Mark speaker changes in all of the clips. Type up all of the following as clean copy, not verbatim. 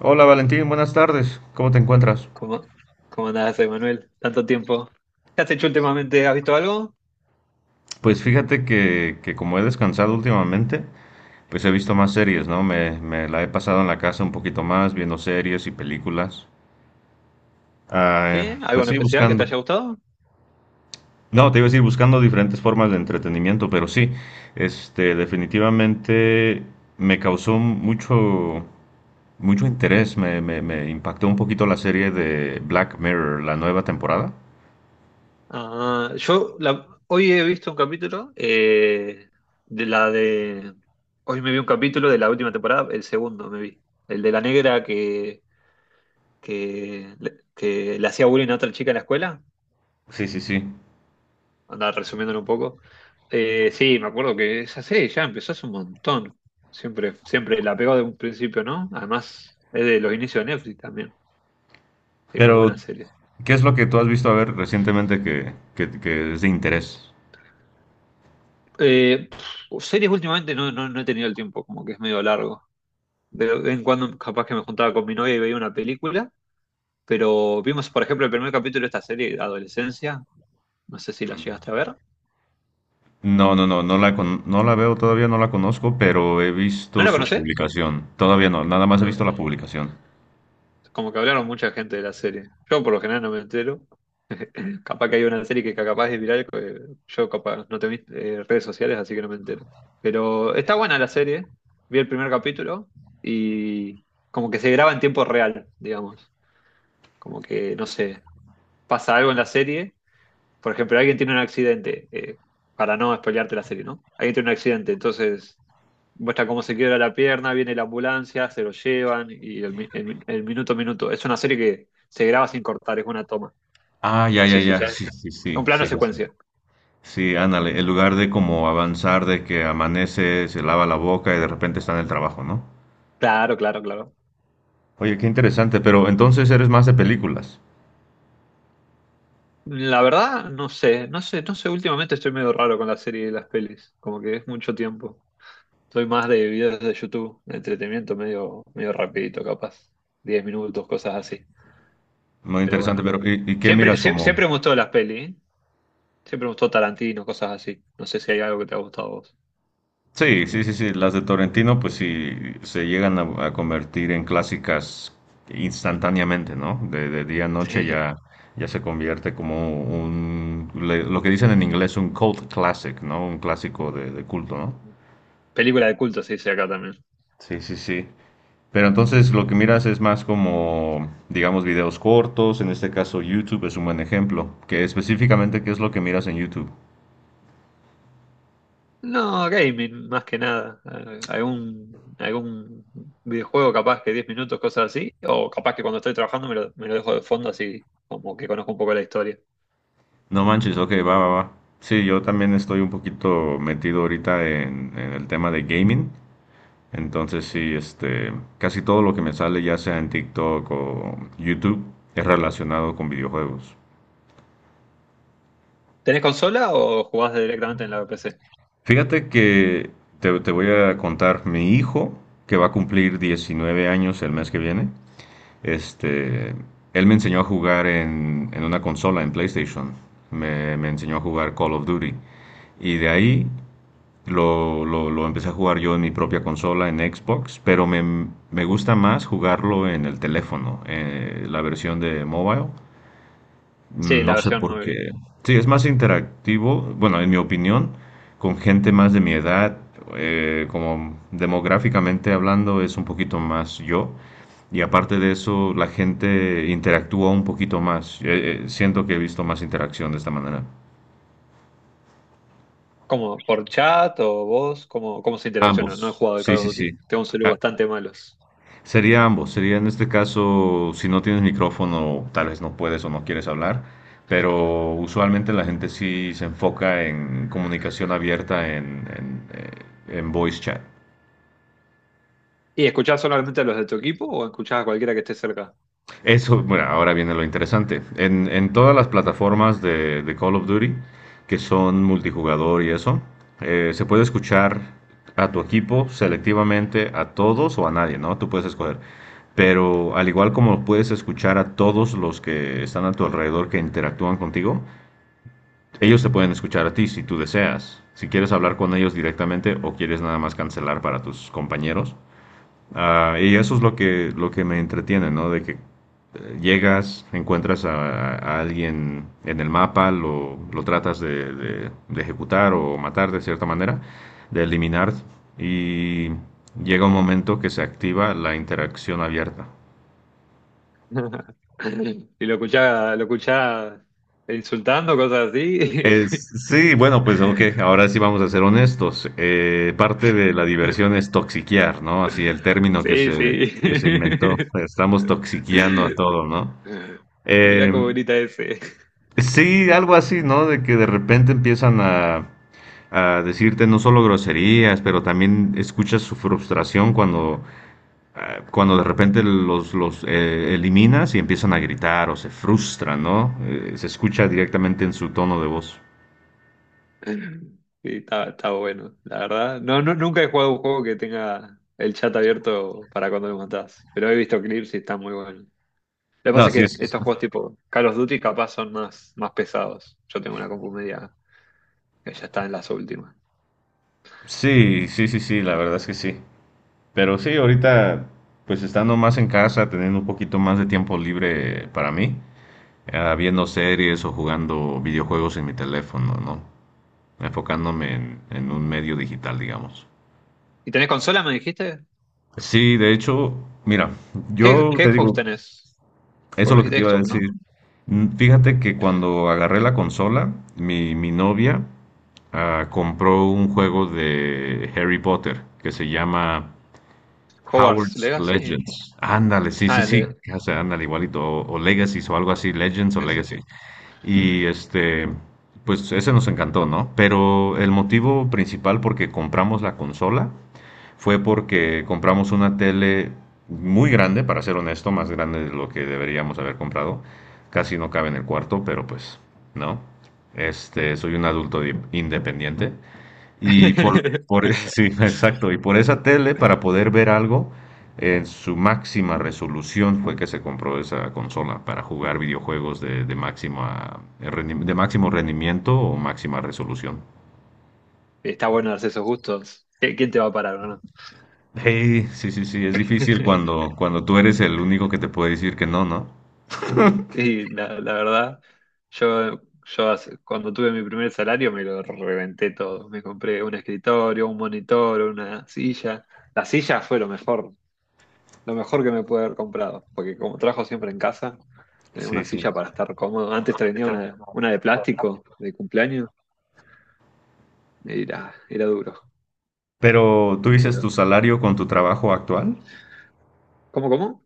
Speaker 1: Hola Valentín, buenas tardes. ¿Cómo te encuentras?
Speaker 2: ¿Cómo, cómo andás, Emanuel? Tanto tiempo. ¿Qué has hecho últimamente? ¿Has visto algo?
Speaker 1: Pues fíjate que como he descansado últimamente, pues he visto más series, ¿no? Me la he pasado en la casa un poquito más, viendo series y películas. Ah,
Speaker 2: ¿Sí? ¿Algo
Speaker 1: pues
Speaker 2: en
Speaker 1: sí,
Speaker 2: especial que te
Speaker 1: buscando.
Speaker 2: haya gustado?
Speaker 1: No, te iba a decir, buscando diferentes formas de entretenimiento, pero sí, definitivamente me causó mucho interés, me impactó un poquito la serie de Black Mirror, la nueva temporada.
Speaker 2: Ah, hoy he visto un capítulo de la de... Hoy me vi un capítulo de la última temporada, el segundo me vi. El de la negra que, que le hacía bullying a otra chica en la escuela.
Speaker 1: Sí, sí, sí.
Speaker 2: Andaba resumiéndolo un poco. Sí, me acuerdo que esa serie ya empezó hace un montón. Siempre la pegó de un principio, ¿no? Además, es de los inicios de Netflix también. Sí, muy
Speaker 1: Pero
Speaker 2: buena serie.
Speaker 1: ¿qué es lo que tú has visto a ver recientemente que es de interés?
Speaker 2: Series últimamente no he tenido el tiempo, como que es medio largo. De vez en cuando capaz que me juntaba con mi novia y veía una película, pero vimos, por ejemplo, el primer capítulo de esta serie, Adolescencia. No sé si la llegaste a ver.
Speaker 1: No, no, no, no la veo todavía, no la conozco, pero he
Speaker 2: ¿No
Speaker 1: visto
Speaker 2: la
Speaker 1: su
Speaker 2: conocés?
Speaker 1: publicación. Todavía no, nada más he
Speaker 2: No.
Speaker 1: visto la publicación.
Speaker 2: Como que hablaron mucha gente de la serie. Yo por lo general no me entero. Capaz que hay una serie que capaz es viral, que yo capaz no tengo redes sociales, así que no me entero. Pero está buena la serie. Vi el primer capítulo y como que se graba en tiempo real, digamos. Como que, no sé, pasa algo en la serie. Por ejemplo, alguien tiene un accidente, para no spoilearte la serie, ¿no? Alguien tiene un accidente, entonces muestra cómo se quiebra la pierna, viene la ambulancia, se lo llevan y el minuto a minuto. Es una serie que se graba sin cortar, es una toma.
Speaker 1: Ah, ya,
Speaker 2: No
Speaker 1: ya,
Speaker 2: sé si
Speaker 1: ya,
Speaker 2: sabes.
Speaker 1: sí, sí, sí,
Speaker 2: Un plano
Speaker 1: sí, ya sé.
Speaker 2: secuencia.
Speaker 1: Sí, ándale, en lugar de como avanzar, de que amanece, se lava la boca y de repente está en el trabajo, ¿no?
Speaker 2: Claro.
Speaker 1: Oye, qué interesante, pero entonces eres más de películas.
Speaker 2: La verdad, no sé, últimamente estoy medio raro con la serie y las pelis, como que es mucho tiempo. Soy más de videos de YouTube, de entretenimiento medio rapidito, capaz. 10 minutos, cosas así.
Speaker 1: Muy
Speaker 2: Pero
Speaker 1: interesante,
Speaker 2: bueno.
Speaker 1: pero y qué miras como?
Speaker 2: Me gustó las pelis, ¿eh? Siempre me gustó Tarantino, cosas así. No sé si hay algo que te ha gustado a vos.
Speaker 1: Sí, sí, sí, sí. Las de Torrentino, pues sí, se llegan a convertir en clásicas instantáneamente, ¿no? De día a noche ya, ya se convierte como lo que dicen en inglés, un cult classic, ¿no? Un clásico de culto, ¿no?
Speaker 2: Sí. Película de culto se dice acá también.
Speaker 1: Sí, sí, sí. Pero entonces lo que miras es más como, digamos, videos cortos. En este caso, YouTube es un buen ejemplo. Que específicamente, ¿qué es lo que miras en YouTube?
Speaker 2: No, gaming, más que nada. Algún videojuego capaz que 10 minutos, cosas así. O capaz que cuando estoy trabajando me lo dejo de fondo así como que conozco un poco la historia.
Speaker 1: No manches, ok, va, va, va. Sí, yo también estoy un poquito metido ahorita en el tema de gaming. Entonces, sí, casi todo lo que me sale, ya sea en TikTok o YouTube, es relacionado con videojuegos.
Speaker 2: ¿Tenés consola o jugás directamente en la PC?
Speaker 1: Fíjate que te voy a contar, mi hijo, que va a cumplir 19 años el mes que viene, este, él me enseñó a jugar en una consola, en PlayStation. Me enseñó a jugar Call of Duty. Y de ahí lo empecé a jugar yo en mi propia consola, en Xbox, pero me gusta más jugarlo en el teléfono, la versión de mobile.
Speaker 2: Sí, la
Speaker 1: No sé
Speaker 2: versión
Speaker 1: por qué.
Speaker 2: nueva.
Speaker 1: Sí, es más interactivo, bueno, en mi opinión, con gente más de mi edad, como demográficamente hablando, es un poquito más yo. Y aparte de eso, la gente interactúa un poquito más. Siento que he visto más interacción de esta manera.
Speaker 2: ¿Cómo? ¿Por chat o vos? ¿Cómo se interacciona?
Speaker 1: Ambos.
Speaker 2: No he jugado de
Speaker 1: Sí,
Speaker 2: Call of
Speaker 1: sí, sí.
Speaker 2: Duty. Tengo un celular
Speaker 1: Ah,
Speaker 2: bastante malos.
Speaker 1: sería ambos, sería en este caso, si no tienes micrófono, tal vez no puedes o no quieres hablar, pero usualmente la gente sí se enfoca en comunicación abierta en voice chat.
Speaker 2: ¿Y escuchás solamente a los de tu equipo o escuchás a cualquiera que esté cerca?
Speaker 1: Eso, bueno, ahora viene lo interesante. En todas las plataformas de Call of Duty, que son multijugador y eso, se puede escuchar a tu equipo selectivamente, a todos o a nadie, ¿no? Tú puedes escoger. Pero al igual como puedes escuchar a todos los que están a tu alrededor que interactúan contigo, ellos te pueden escuchar a ti si tú deseas. Si quieres hablar con ellos directamente o quieres nada más cancelar para tus compañeros, ah, y eso es lo que me entretiene, ¿no? De que llegas, encuentras a alguien en el mapa, lo tratas de ejecutar o matar de cierta manera, de eliminar, y llega un momento que se activa la interacción abierta.
Speaker 2: Y lo escuchás insultando, cosas así.
Speaker 1: Es- sí, bueno, pues ok, ahora sí vamos a ser honestos. Parte de la diversión es toxiquear, ¿no? Así el término
Speaker 2: Sí, sí.
Speaker 1: que se inventó. Estamos toxiqueando a todo, ¿no?
Speaker 2: Mirá
Speaker 1: Em,
Speaker 2: cómo grita ese.
Speaker 1: sí, algo así, ¿no? De que de repente empiezan a decirte no solo groserías, pero también escuchas su frustración cuando, ah, cuando de repente los eliminas y empiezan a gritar o se frustran, ¿no? Se escucha directamente en su tono de voz.
Speaker 2: Sí, está bueno, la verdad. No, nunca he jugado un juego que tenga el chat abierto para cuando lo matás, pero he visto clips y está muy bueno. Lo que pasa
Speaker 1: No,
Speaker 2: es
Speaker 1: sí,
Speaker 2: que
Speaker 1: es.
Speaker 2: estos juegos tipo Call of Duty capaz son más pesados. Yo tengo una compu media que ya está en las últimas.
Speaker 1: Sí, sí, sí, sí, la verdad es que sí. Pero sí, ahorita, pues estando más en casa, teniendo un poquito más de tiempo libre para mí, ah, viendo series o jugando videojuegos en mi teléfono, ¿no? Enfocándome en un medio digital, digamos.
Speaker 2: ¿Y tenés consola, me dijiste?
Speaker 1: Sí, de hecho, mira, yo
Speaker 2: ¿Qué
Speaker 1: te
Speaker 2: Xbox
Speaker 1: digo,
Speaker 2: tenés?
Speaker 1: eso es
Speaker 2: Porque
Speaker 1: lo
Speaker 2: me
Speaker 1: que te
Speaker 2: dijiste
Speaker 1: iba a
Speaker 2: Xbox,
Speaker 1: decir.
Speaker 2: ¿no?
Speaker 1: Fíjate que cuando agarré la consola, mi novia ah, compró un juego de Harry Potter que se llama
Speaker 2: Hogwarts
Speaker 1: Howard's
Speaker 2: Legacy.
Speaker 1: Legends. Ándale, sí, sí,
Speaker 2: Ah, el
Speaker 1: sí,
Speaker 2: Leg-
Speaker 1: o sea, ándale igualito, o Legacy o algo así, Legends o
Speaker 2: Sí, sí,
Speaker 1: Legacy.
Speaker 2: sí.
Speaker 1: Y pues ese nos encantó, ¿no? Pero el motivo principal por qué compramos la consola fue porque compramos una tele muy grande, para ser honesto, más grande de lo que deberíamos haber comprado. Casi no cabe en el cuarto, pero pues no. Soy un adulto independiente y por sí, exacto, y por esa tele para poder ver algo en su máxima resolución fue que se compró esa consola para jugar videojuegos de máxima de máximo rendimiento o máxima resolución.
Speaker 2: Está bueno darse esos gustos. Quién te va a parar o no?
Speaker 1: Hey, sí, sí, sí, es difícil cuando, cuando tú eres el único que te puede decir que no, ¿no?
Speaker 2: Y la verdad, cuando tuve mi primer salario me lo reventé todo. Me compré un escritorio, un monitor, una silla. La silla fue lo mejor. Lo mejor que me pude haber comprado, porque como trabajo siempre en casa, tenía una
Speaker 1: Sí, sí.
Speaker 2: silla para estar cómodo. Antes tenía una de plástico de cumpleaños, y era duro.
Speaker 1: Pero tú dices
Speaker 2: Pero,
Speaker 1: tu salario con tu trabajo actual.
Speaker 2: ¿cómo?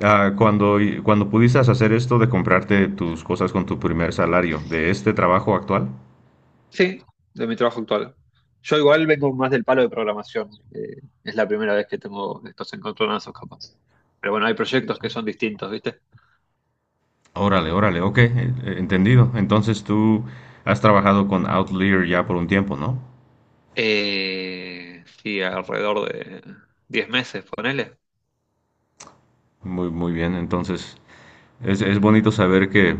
Speaker 1: Ah, cuando pudiste hacer esto de comprarte tus cosas con tu primer salario de este trabajo actual.
Speaker 2: Sí, de mi trabajo actual. Yo igual vengo más del palo de programación. Es la primera vez que tengo estos encontronazos capaz. Pero bueno, hay proyectos que son distintos, ¿viste?
Speaker 1: Órale, órale, ok, entendido. Entonces tú has trabajado con Outlier ya por un tiempo, ¿no?
Speaker 2: Sí, alrededor de 10 meses, ponele.
Speaker 1: Muy, muy bien. Entonces es bonito saber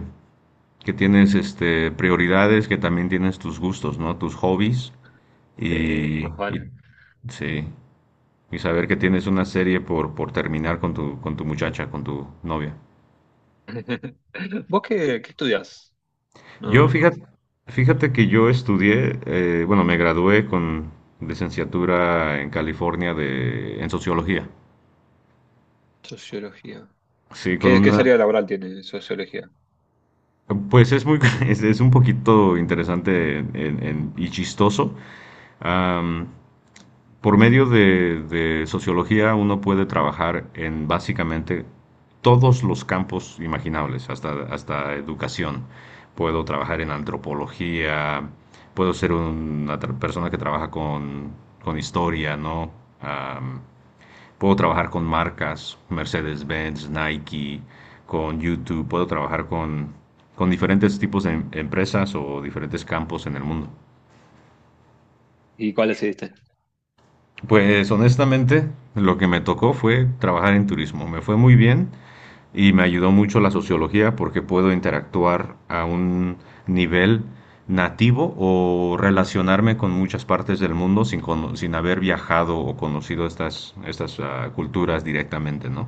Speaker 1: que tienes prioridades, que también tienes tus gustos, ¿no? Tus hobbies.
Speaker 2: Sí,
Speaker 1: Y,
Speaker 2: más
Speaker 1: y-
Speaker 2: vale.
Speaker 1: sí, y saber que tienes una serie por terminar con tu muchacha, con tu novia.
Speaker 2: ¿Vos qué estudias?
Speaker 1: Yo,
Speaker 2: No.
Speaker 1: fíjate, fíjate que yo estudié, bueno, me gradué con licenciatura en California en sociología.
Speaker 2: Sociología.
Speaker 1: Sí, con
Speaker 2: ¿Qué
Speaker 1: una,
Speaker 2: salida laboral tiene sociología?
Speaker 1: pues es muy, es un poquito interesante y chistoso. Am, Por medio de sociología uno puede trabajar en básicamente todos los campos imaginables, hasta, hasta educación. Puedo trabajar en antropología, puedo ser una persona que trabaja con historia, ¿no? Am, puedo trabajar con marcas, Mercedes-Benz, Nike, con YouTube, puedo trabajar con diferentes tipos de empresas o diferentes campos en el mundo.
Speaker 2: ¿Y cuál decidiste?
Speaker 1: Pues honestamente, lo que me tocó fue trabajar en turismo. Me fue muy bien y me ayudó mucho la sociología porque puedo interactuar a un nivel nativo o relacionarme con muchas partes del mundo sin haber viajado o conocido estas ah, culturas directamente, ¿no?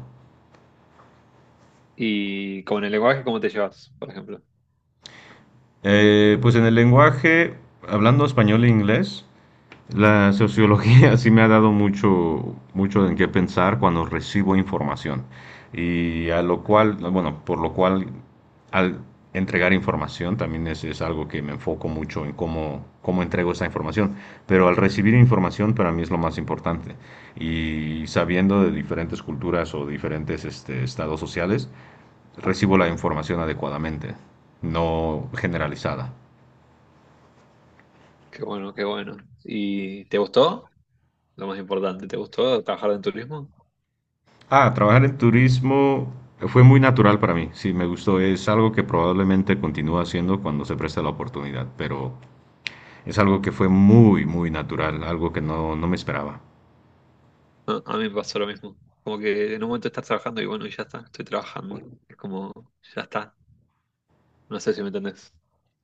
Speaker 2: ¿Y con el lenguaje cómo te llevas, por ejemplo?
Speaker 1: Pues en el lenguaje, hablando español e inglés, la sociología sí me ha dado mucho, mucho en qué pensar cuando recibo información. Y a lo cual, bueno, por lo cual al entregar información también es algo que me enfoco mucho en cómo, cómo entrego esa información. Pero al recibir información para mí es lo más importante. Y sabiendo de diferentes culturas o diferentes estados sociales, recibo la información adecuadamente, no generalizada.
Speaker 2: Qué bueno, qué bueno. ¿Y te gustó? Lo más importante, ¿te gustó trabajar en turismo?
Speaker 1: Ah, trabajar en turismo fue muy natural para mí, sí, me gustó, es algo que probablemente continúe haciendo cuando se presta la oportunidad, pero es algo que fue muy, muy natural, algo que no, no me esperaba.
Speaker 2: A mí me pasó lo mismo. Como que en un momento estás trabajando y bueno, y ya está, estoy trabajando. Es como, ya está. No sé si me entendés.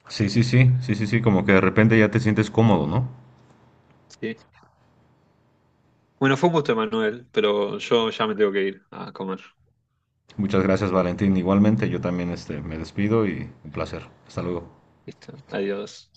Speaker 1: Sí, sí, sí, sí, sí, sí, como que de repente ya te sientes cómodo, ¿no?
Speaker 2: Sí. Bueno, fue un gusto, Manuel, pero yo ya me tengo que ir a comer.
Speaker 1: Muchas gracias, Valentín. Igualmente, yo también me despido y un placer. Hasta luego.
Speaker 2: Listo. Adiós.